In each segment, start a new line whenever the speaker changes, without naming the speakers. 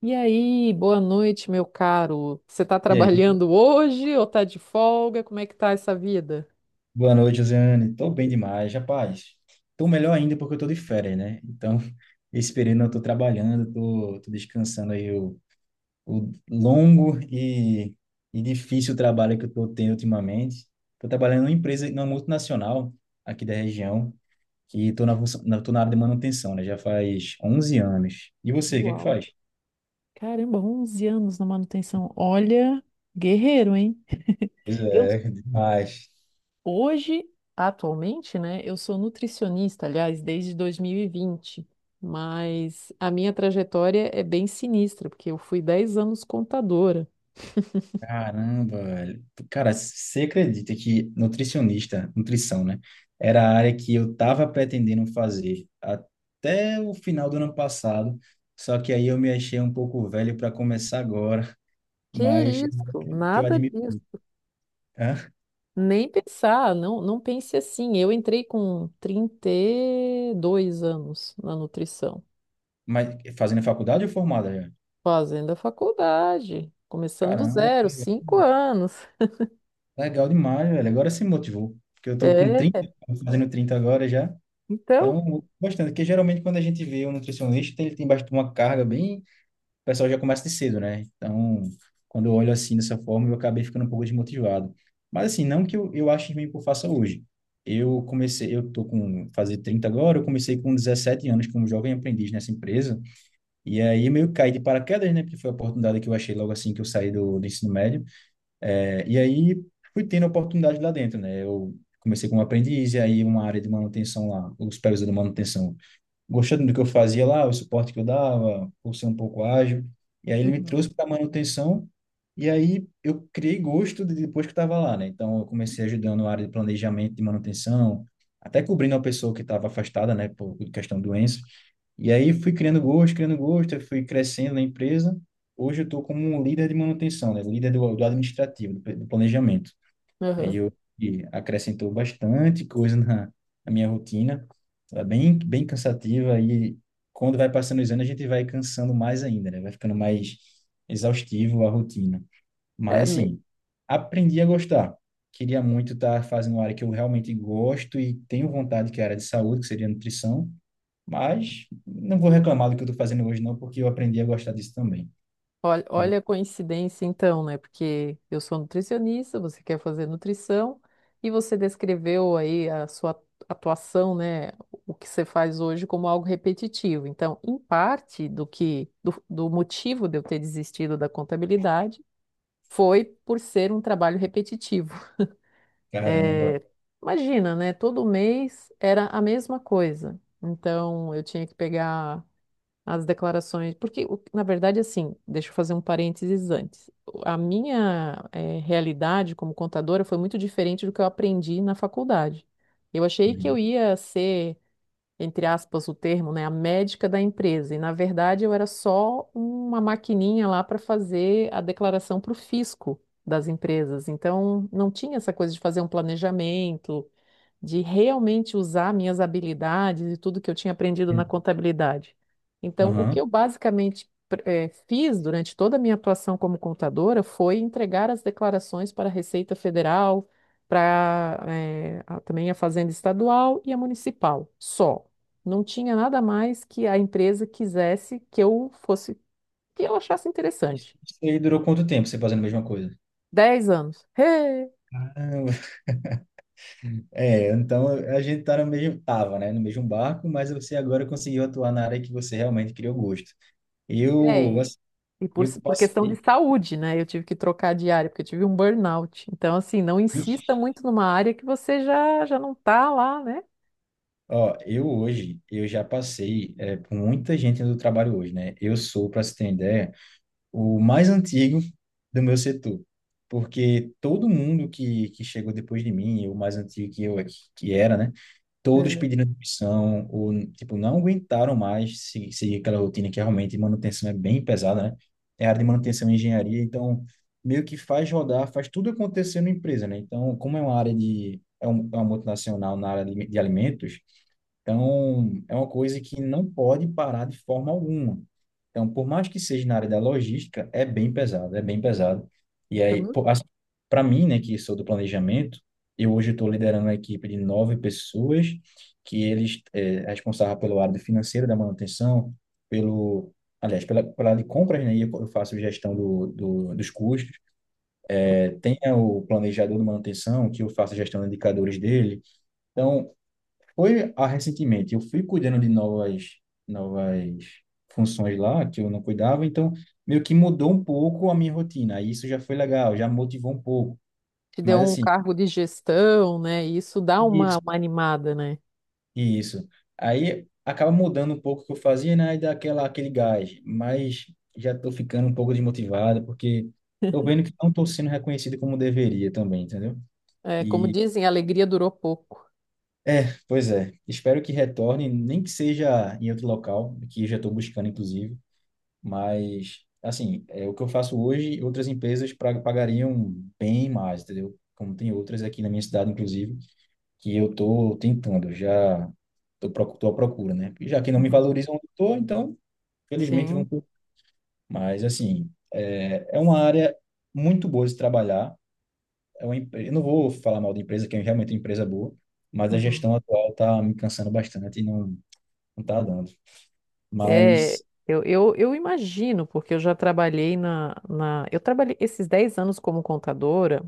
E aí, boa noite, meu caro. Você tá
E aí?
trabalhando hoje ou tá de folga? Como é que tá essa vida?
Boa noite, Josiane. Tô bem demais, rapaz. Tô melhor ainda porque eu tô de férias, né? Então, esse período eu tô trabalhando, tô descansando aí o longo e difícil trabalho que eu tô tendo ultimamente. Tô trabalhando numa empresa, numa multinacional aqui da região, que tô tô na área de manutenção, né? Já faz 11 anos. E você, o que é que
Uau.
faz?
Caramba, 11 anos na manutenção. Olha, guerreiro, hein?
Pois
Eu
é, demais.
hoje, atualmente, né, eu sou nutricionista, aliás, desde 2020, mas a minha trajetória é bem sinistra, porque eu fui 10 anos contadora.
Caramba, velho. Cara, você acredita que nutricionista, nutrição, né? Era a área que eu tava pretendendo fazer até o final do ano passado. Só que aí eu me achei um pouco velho para começar agora,
Que
mas
isso?
que eu
Nada
admiro.
disso.
Hã?
Nem pensar, não, não pense assim. Eu entrei com 32 anos na nutrição,
Mas fazendo faculdade ou formada já?
fazendo a faculdade, começando do
Caramba,
zero,
velho.
5 anos.
Legal demais, velho. Agora se motivou. Porque eu tô com 30,
É,
fazendo 30 agora já.
então.
Então, bastante. Porque geralmente quando a gente vê um nutricionista, ele tem bastante uma carga bem, o pessoal já começa de cedo, né? Então, quando eu olho assim dessa forma, eu acabei ficando um pouco desmotivado. Mas assim, não que eu ache ruim o que eu faça hoje. Eu comecei, eu tô com fazer 30 agora, eu comecei com 17 anos como jovem aprendiz nessa empresa. E aí meio que caí de paraquedas, né? Porque foi a oportunidade que eu achei logo assim que eu saí do ensino médio. É, e aí fui tendo oportunidade lá dentro, né? Eu comecei como aprendiz e aí uma área de manutenção lá, o supervisor de manutenção gostando do que eu fazia lá, o suporte que eu dava, por ser um pouco ágil. E aí ele me
Uhum,
trouxe para manutenção e aí eu criei depois que estava lá, né? Então eu comecei ajudando na área de planejamento de manutenção, até cobrindo uma pessoa que estava afastada, né, por questão de doença. E aí fui criando gosto, eu fui crescendo na empresa. Hoje eu estou como um líder de manutenção, né? Líder do administrativo, do planejamento. Aí
aham.
eu e acrescentou bastante coisa na, na minha rotina. Tá bem cansativa e quando vai passando os anos a gente vai cansando mais ainda, né? Vai ficando mais exaustivo a rotina.
É,
Mas assim, aprendi a gostar. Queria muito estar fazendo uma área que eu realmente gosto e tenho vontade, que é a área de saúde, que seria a nutrição. Mas não vou reclamar do que eu estou fazendo hoje, não, porque eu aprendi a gostar disso também.
olha,
Mas
olha a coincidência então, né? Porque eu sou nutricionista, você quer fazer nutrição e você descreveu aí a sua atuação, né? O que você faz hoje como algo repetitivo. Então, em parte do motivo de eu ter desistido da contabilidade foi por ser um trabalho repetitivo.
caramba.
É, imagina, né? Todo mês era a mesma coisa. Então, eu tinha que pegar as declarações, porque na verdade, assim, deixa eu fazer um parênteses antes. A minha realidade como contadora foi muito diferente do que eu aprendi na faculdade. Eu achei que eu
Uhum.
ia ser, entre aspas, o termo, né, a médica da empresa, e na verdade eu era só uma maquininha lá para fazer a declaração para o fisco das empresas. Então, não tinha essa coisa de fazer um planejamento de realmente usar minhas habilidades e tudo que eu tinha aprendido na contabilidade. Então, o que
Aham.
eu basicamente fiz durante toda a minha atuação como contadora foi entregar as declarações para a Receita Federal, para também a Fazenda Estadual e a Municipal, só. Não tinha nada mais que a empresa quisesse que eu fosse, que eu achasse
Isso
interessante.
isso aí durou quanto tempo você fazendo a mesma coisa?
10 anos. Hey!
É, então a gente tá no mesmo, tava, né, no mesmo barco, mas você agora conseguiu atuar na área que você realmente criou gosto. Eu,
É, e
assim,
e por,
eu
por questão de
passei,
saúde, né? Eu tive que trocar de área, porque eu tive um burnout. Então, assim, não insista
ixi,
muito numa área que você já não tá lá, né?
ó, eu hoje, eu já passei é, por muita gente do trabalho hoje, né? Eu sou, para você ter uma ideia, o mais antigo do meu setor, porque todo mundo que chegou depois de mim, o mais antigo que eu que era, né? Todos
É.
pedindo demissão, ou, tipo, não aguentaram mais seguir aquela rotina que é realmente manutenção é bem pesada, né? É área de manutenção e engenharia, então meio que faz rodar, faz tudo acontecer na empresa, né? Então, como é uma área de, é uma multinacional na área de alimentos, então, é uma coisa que não pode parar de forma alguma. Então, por mais que seja na área da logística, é bem pesado, é bem pesado. E aí,
Então,
para mim, né, que sou do planejamento, eu hoje estou liderando uma equipe de nove pessoas, que eles é responsável pelo área financeira da manutenção, pelo, aliás, pela, pela área de compras, né, e eu faço gestão dos custos. Tem o planejador de manutenção, que eu faço gestão de indicadores dele. Então, foi recentemente, eu fui cuidando de novas, novas funções lá que eu não cuidava, então meio que mudou um pouco a minha rotina. Aí isso já foi legal, já motivou um pouco.
te deu
Mas
um
assim,
cargo de gestão, né? E isso dá uma,
isso,
uma animada, né?
isso. Aí acaba mudando um pouco o que eu fazia, né? E dá aquela, aquele gás. Mas já tô ficando um pouco desmotivado, porque tô vendo que não tô sendo reconhecido como deveria também, entendeu?
É, como
E
dizem, a alegria durou pouco.
é, pois é. Espero que retorne, nem que seja em outro local, que eu já estou buscando, inclusive. Mas, assim, é o que eu faço hoje, outras empresas pagariam bem mais, entendeu? Como tem outras aqui na minha cidade, inclusive, que eu tô tentando, já tô, tô à procura, né? E já que não me
Uhum.
valorizam onde eu tô, então, felizmente, vão...
Sim.
por- Mas, assim, é uma área muito boa de se trabalhar. É uma, eu não vou falar mal da empresa, que é realmente uma empresa boa, mas a
Uhum.
gestão atual tá me cansando bastante e não, não tá dando.
É,
Mas,
eu imagino, porque eu já trabalhei na. Eu trabalhei esses 10 anos como contadora.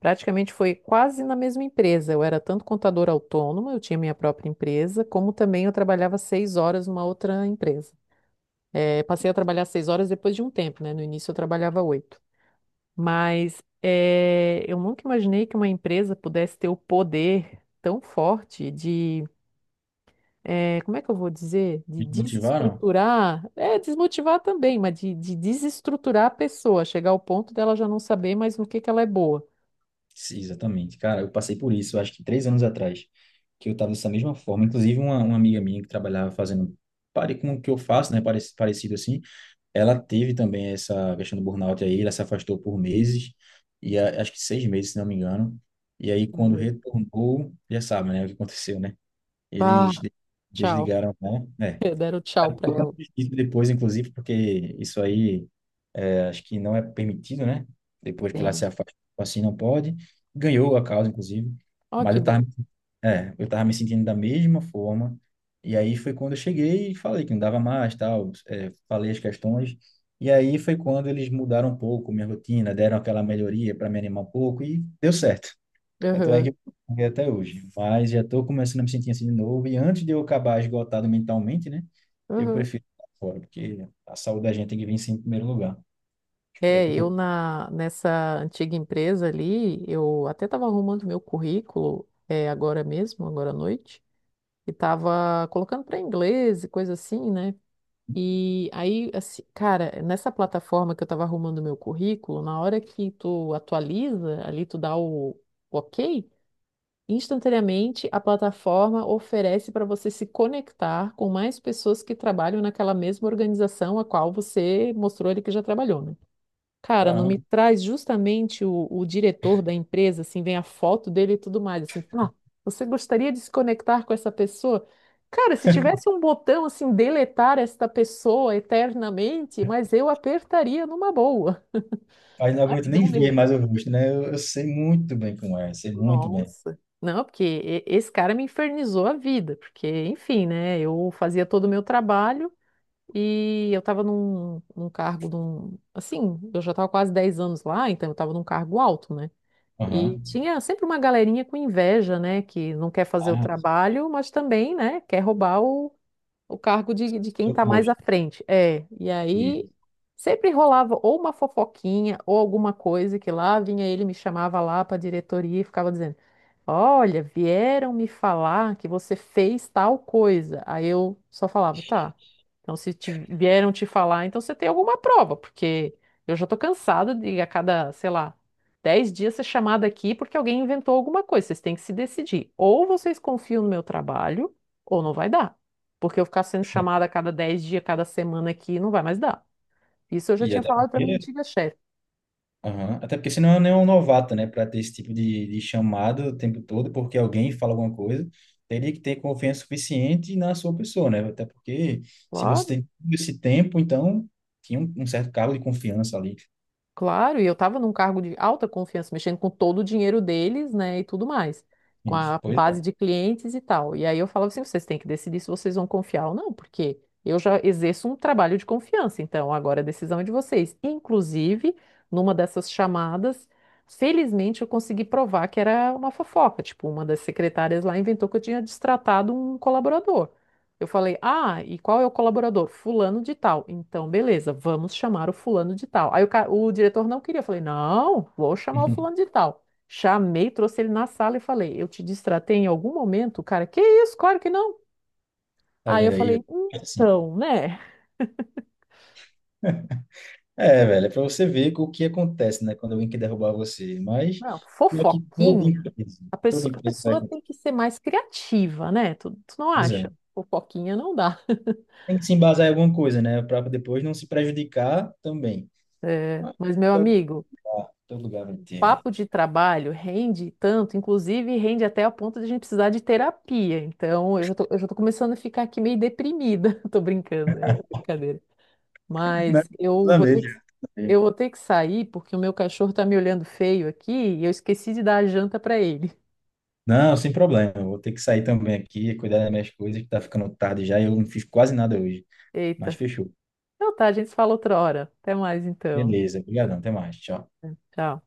Praticamente foi quase na mesma empresa. Eu era tanto contadora autônoma, eu tinha minha própria empresa, como também eu trabalhava 6 horas numa outra empresa. Passei a trabalhar 6 horas depois de um tempo, né? No início eu trabalhava oito. Mas eu nunca imaginei que uma empresa pudesse ter o poder tão forte de, como é que eu vou dizer? De
me motivaram?
desestruturar, é, desmotivar também, mas de desestruturar a pessoa, chegar ao ponto dela já não saber mais no que ela é boa.
Sim, exatamente. Cara, eu passei por isso, acho que três anos atrás, que eu estava dessa mesma forma. Inclusive, uma amiga minha que trabalhava fazendo pare com o que eu faço, né, parecido assim, ela teve também essa questão do burnout aí, ela se afastou por meses, e acho que seis meses, se não me engano. E aí, quando
Uhum.
retornou, já sabe, né, o que aconteceu, né?
Bah,
Eles
tchau.
desligaram, né?
Deram tchau
É.
pra
Tocando
ela.
justiça depois, inclusive, porque isso aí acho que não é permitido, né? Depois que ela se
Sim.
afasta, tipo assim não pode. Ganhou a causa, inclusive.
Ó,
Mas
que
eu
bom.
tava, é, eu tava me sentindo da mesma forma. E aí foi quando eu cheguei e falei que não dava mais, tal. É, falei as questões. E aí foi quando eles mudaram um pouco minha rotina, deram aquela melhoria para me animar um pouco e deu certo. Tanto é
Aham,
que eu fiquei até hoje. Mas já estou começando a me sentir assim de novo. E antes de eu acabar esgotado mentalmente, né? Eu
aham.
prefiro ficar fora, porque a saúde da gente tem que vir sempre em primeiro lugar. É o que
É,
eu
eu
estou.
nessa antiga empresa ali, eu até estava arrumando meu currículo, é, agora mesmo, agora à noite, e estava colocando para inglês e coisa assim, né? E aí, assim, cara, nessa plataforma que eu estava arrumando meu currículo, na hora que tu atualiza, ali tu dá o ok, instantaneamente, a plataforma oferece para você se conectar com mais pessoas que trabalham naquela mesma organização a qual você mostrou ali que já trabalhou, né? Cara, não me
Caramba,
traz justamente o diretor da empresa, assim, vem a foto dele e tudo mais, assim, ah, você gostaria de se conectar com essa pessoa? Cara, se tivesse um botão assim, deletar esta pessoa eternamente, mas eu apertaria numa boa.
aí não
Ai,
aguento
me deu
nem
um.
ver mais o rosto, né? Eu sei muito bem como é, sei muito bem.
Nossa. Não, porque esse cara me infernizou a vida, porque, enfim, né? Eu fazia todo o meu trabalho e eu estava num cargo, assim, eu já estava quase 10 anos lá, então eu estava num cargo alto, né?
Aham.
E tinha sempre uma galerinha com inveja, né? Que não quer fazer o
Ah,
trabalho, mas também, né? Quer roubar o cargo de quem
seu
está mais à
posto.
frente. É, e
E,
aí sempre rolava ou uma fofoquinha ou alguma coisa que lá vinha ele, me chamava lá para a diretoria e ficava dizendo. Olha, vieram me falar que você fez tal coisa. Aí eu só falava, tá. Então, se vieram te falar, então você tem alguma prova, porque eu já tô cansada de a cada, sei lá, 10 dias ser chamada aqui porque alguém inventou alguma coisa. Vocês têm que se decidir. Ou vocês confiam no meu trabalho, ou não vai dar. Porque eu ficar sendo chamada a cada 10 dias, cada semana aqui, não vai mais dar. Isso eu já
e
tinha
até
falado para minha
porque,
antiga chefe.
aham, até porque senão eu nem é um novato, né? Para ter esse tipo de chamado o tempo todo, porque alguém fala alguma coisa, teria que ter confiança suficiente na sua pessoa, né? Até porque se você tem todo esse tempo, então tinha um certo cargo de confiança ali.
Claro, e eu estava num cargo de alta confiança, mexendo com todo o dinheiro deles, né, e tudo mais, com
Gente,
a
pois
base
é.
de clientes e tal. E aí eu falava assim, vocês têm que decidir se vocês vão confiar ou não, porque eu já exerço um trabalho de confiança, então agora a decisão é de vocês. Inclusive, numa dessas chamadas, felizmente eu consegui provar que era uma fofoca, tipo, uma das secretárias lá inventou que eu tinha destratado um colaborador. Eu falei, ah, e qual é o colaborador? Fulano de tal. Então, beleza, vamos chamar o fulano de tal. Aí o diretor não queria. Eu falei, não, vou chamar o fulano de tal. Chamei, trouxe ele na sala e falei, eu te distratei em algum momento? O cara, que isso? Claro que não.
Tá
Aí eu
vendo
falei,
aí? Assim.
então, né?
É, velho, é pra você ver o que acontece, né, quando alguém quer derrubar você. Mas
Não,
pior que
fofoquinha. A
toda
pessoa, a
empresa vai
pessoa tem
acontecer.
que ser mais criativa, né? Tu não
Pois é.
acha? Fofoquinha não dá.
Tem que se embasar em alguma coisa, né, para depois não se prejudicar também.
É,
Mas
mas, meu
pior que
amigo.
tá, todo lugar vai ter, né?
Papo de trabalho rende tanto, inclusive rende até a ponto de a gente precisar de terapia. Então, eu já tô começando a ficar aqui meio deprimida. Tô brincando, é brincadeira.
Né?
Mas
Planeja.
eu vou ter que sair porque o meu cachorro tá me olhando feio aqui e eu esqueci de dar a janta para ele.
Não, sem problema. Eu vou ter que sair também aqui, cuidar das minhas coisas, que tá ficando tarde já e eu não fiz quase nada hoje. Mas
Eita.
fechou.
Então tá, a gente se fala outra hora. Até mais então.
Beleza, obrigadão, até mais. Tchau.
Tchau.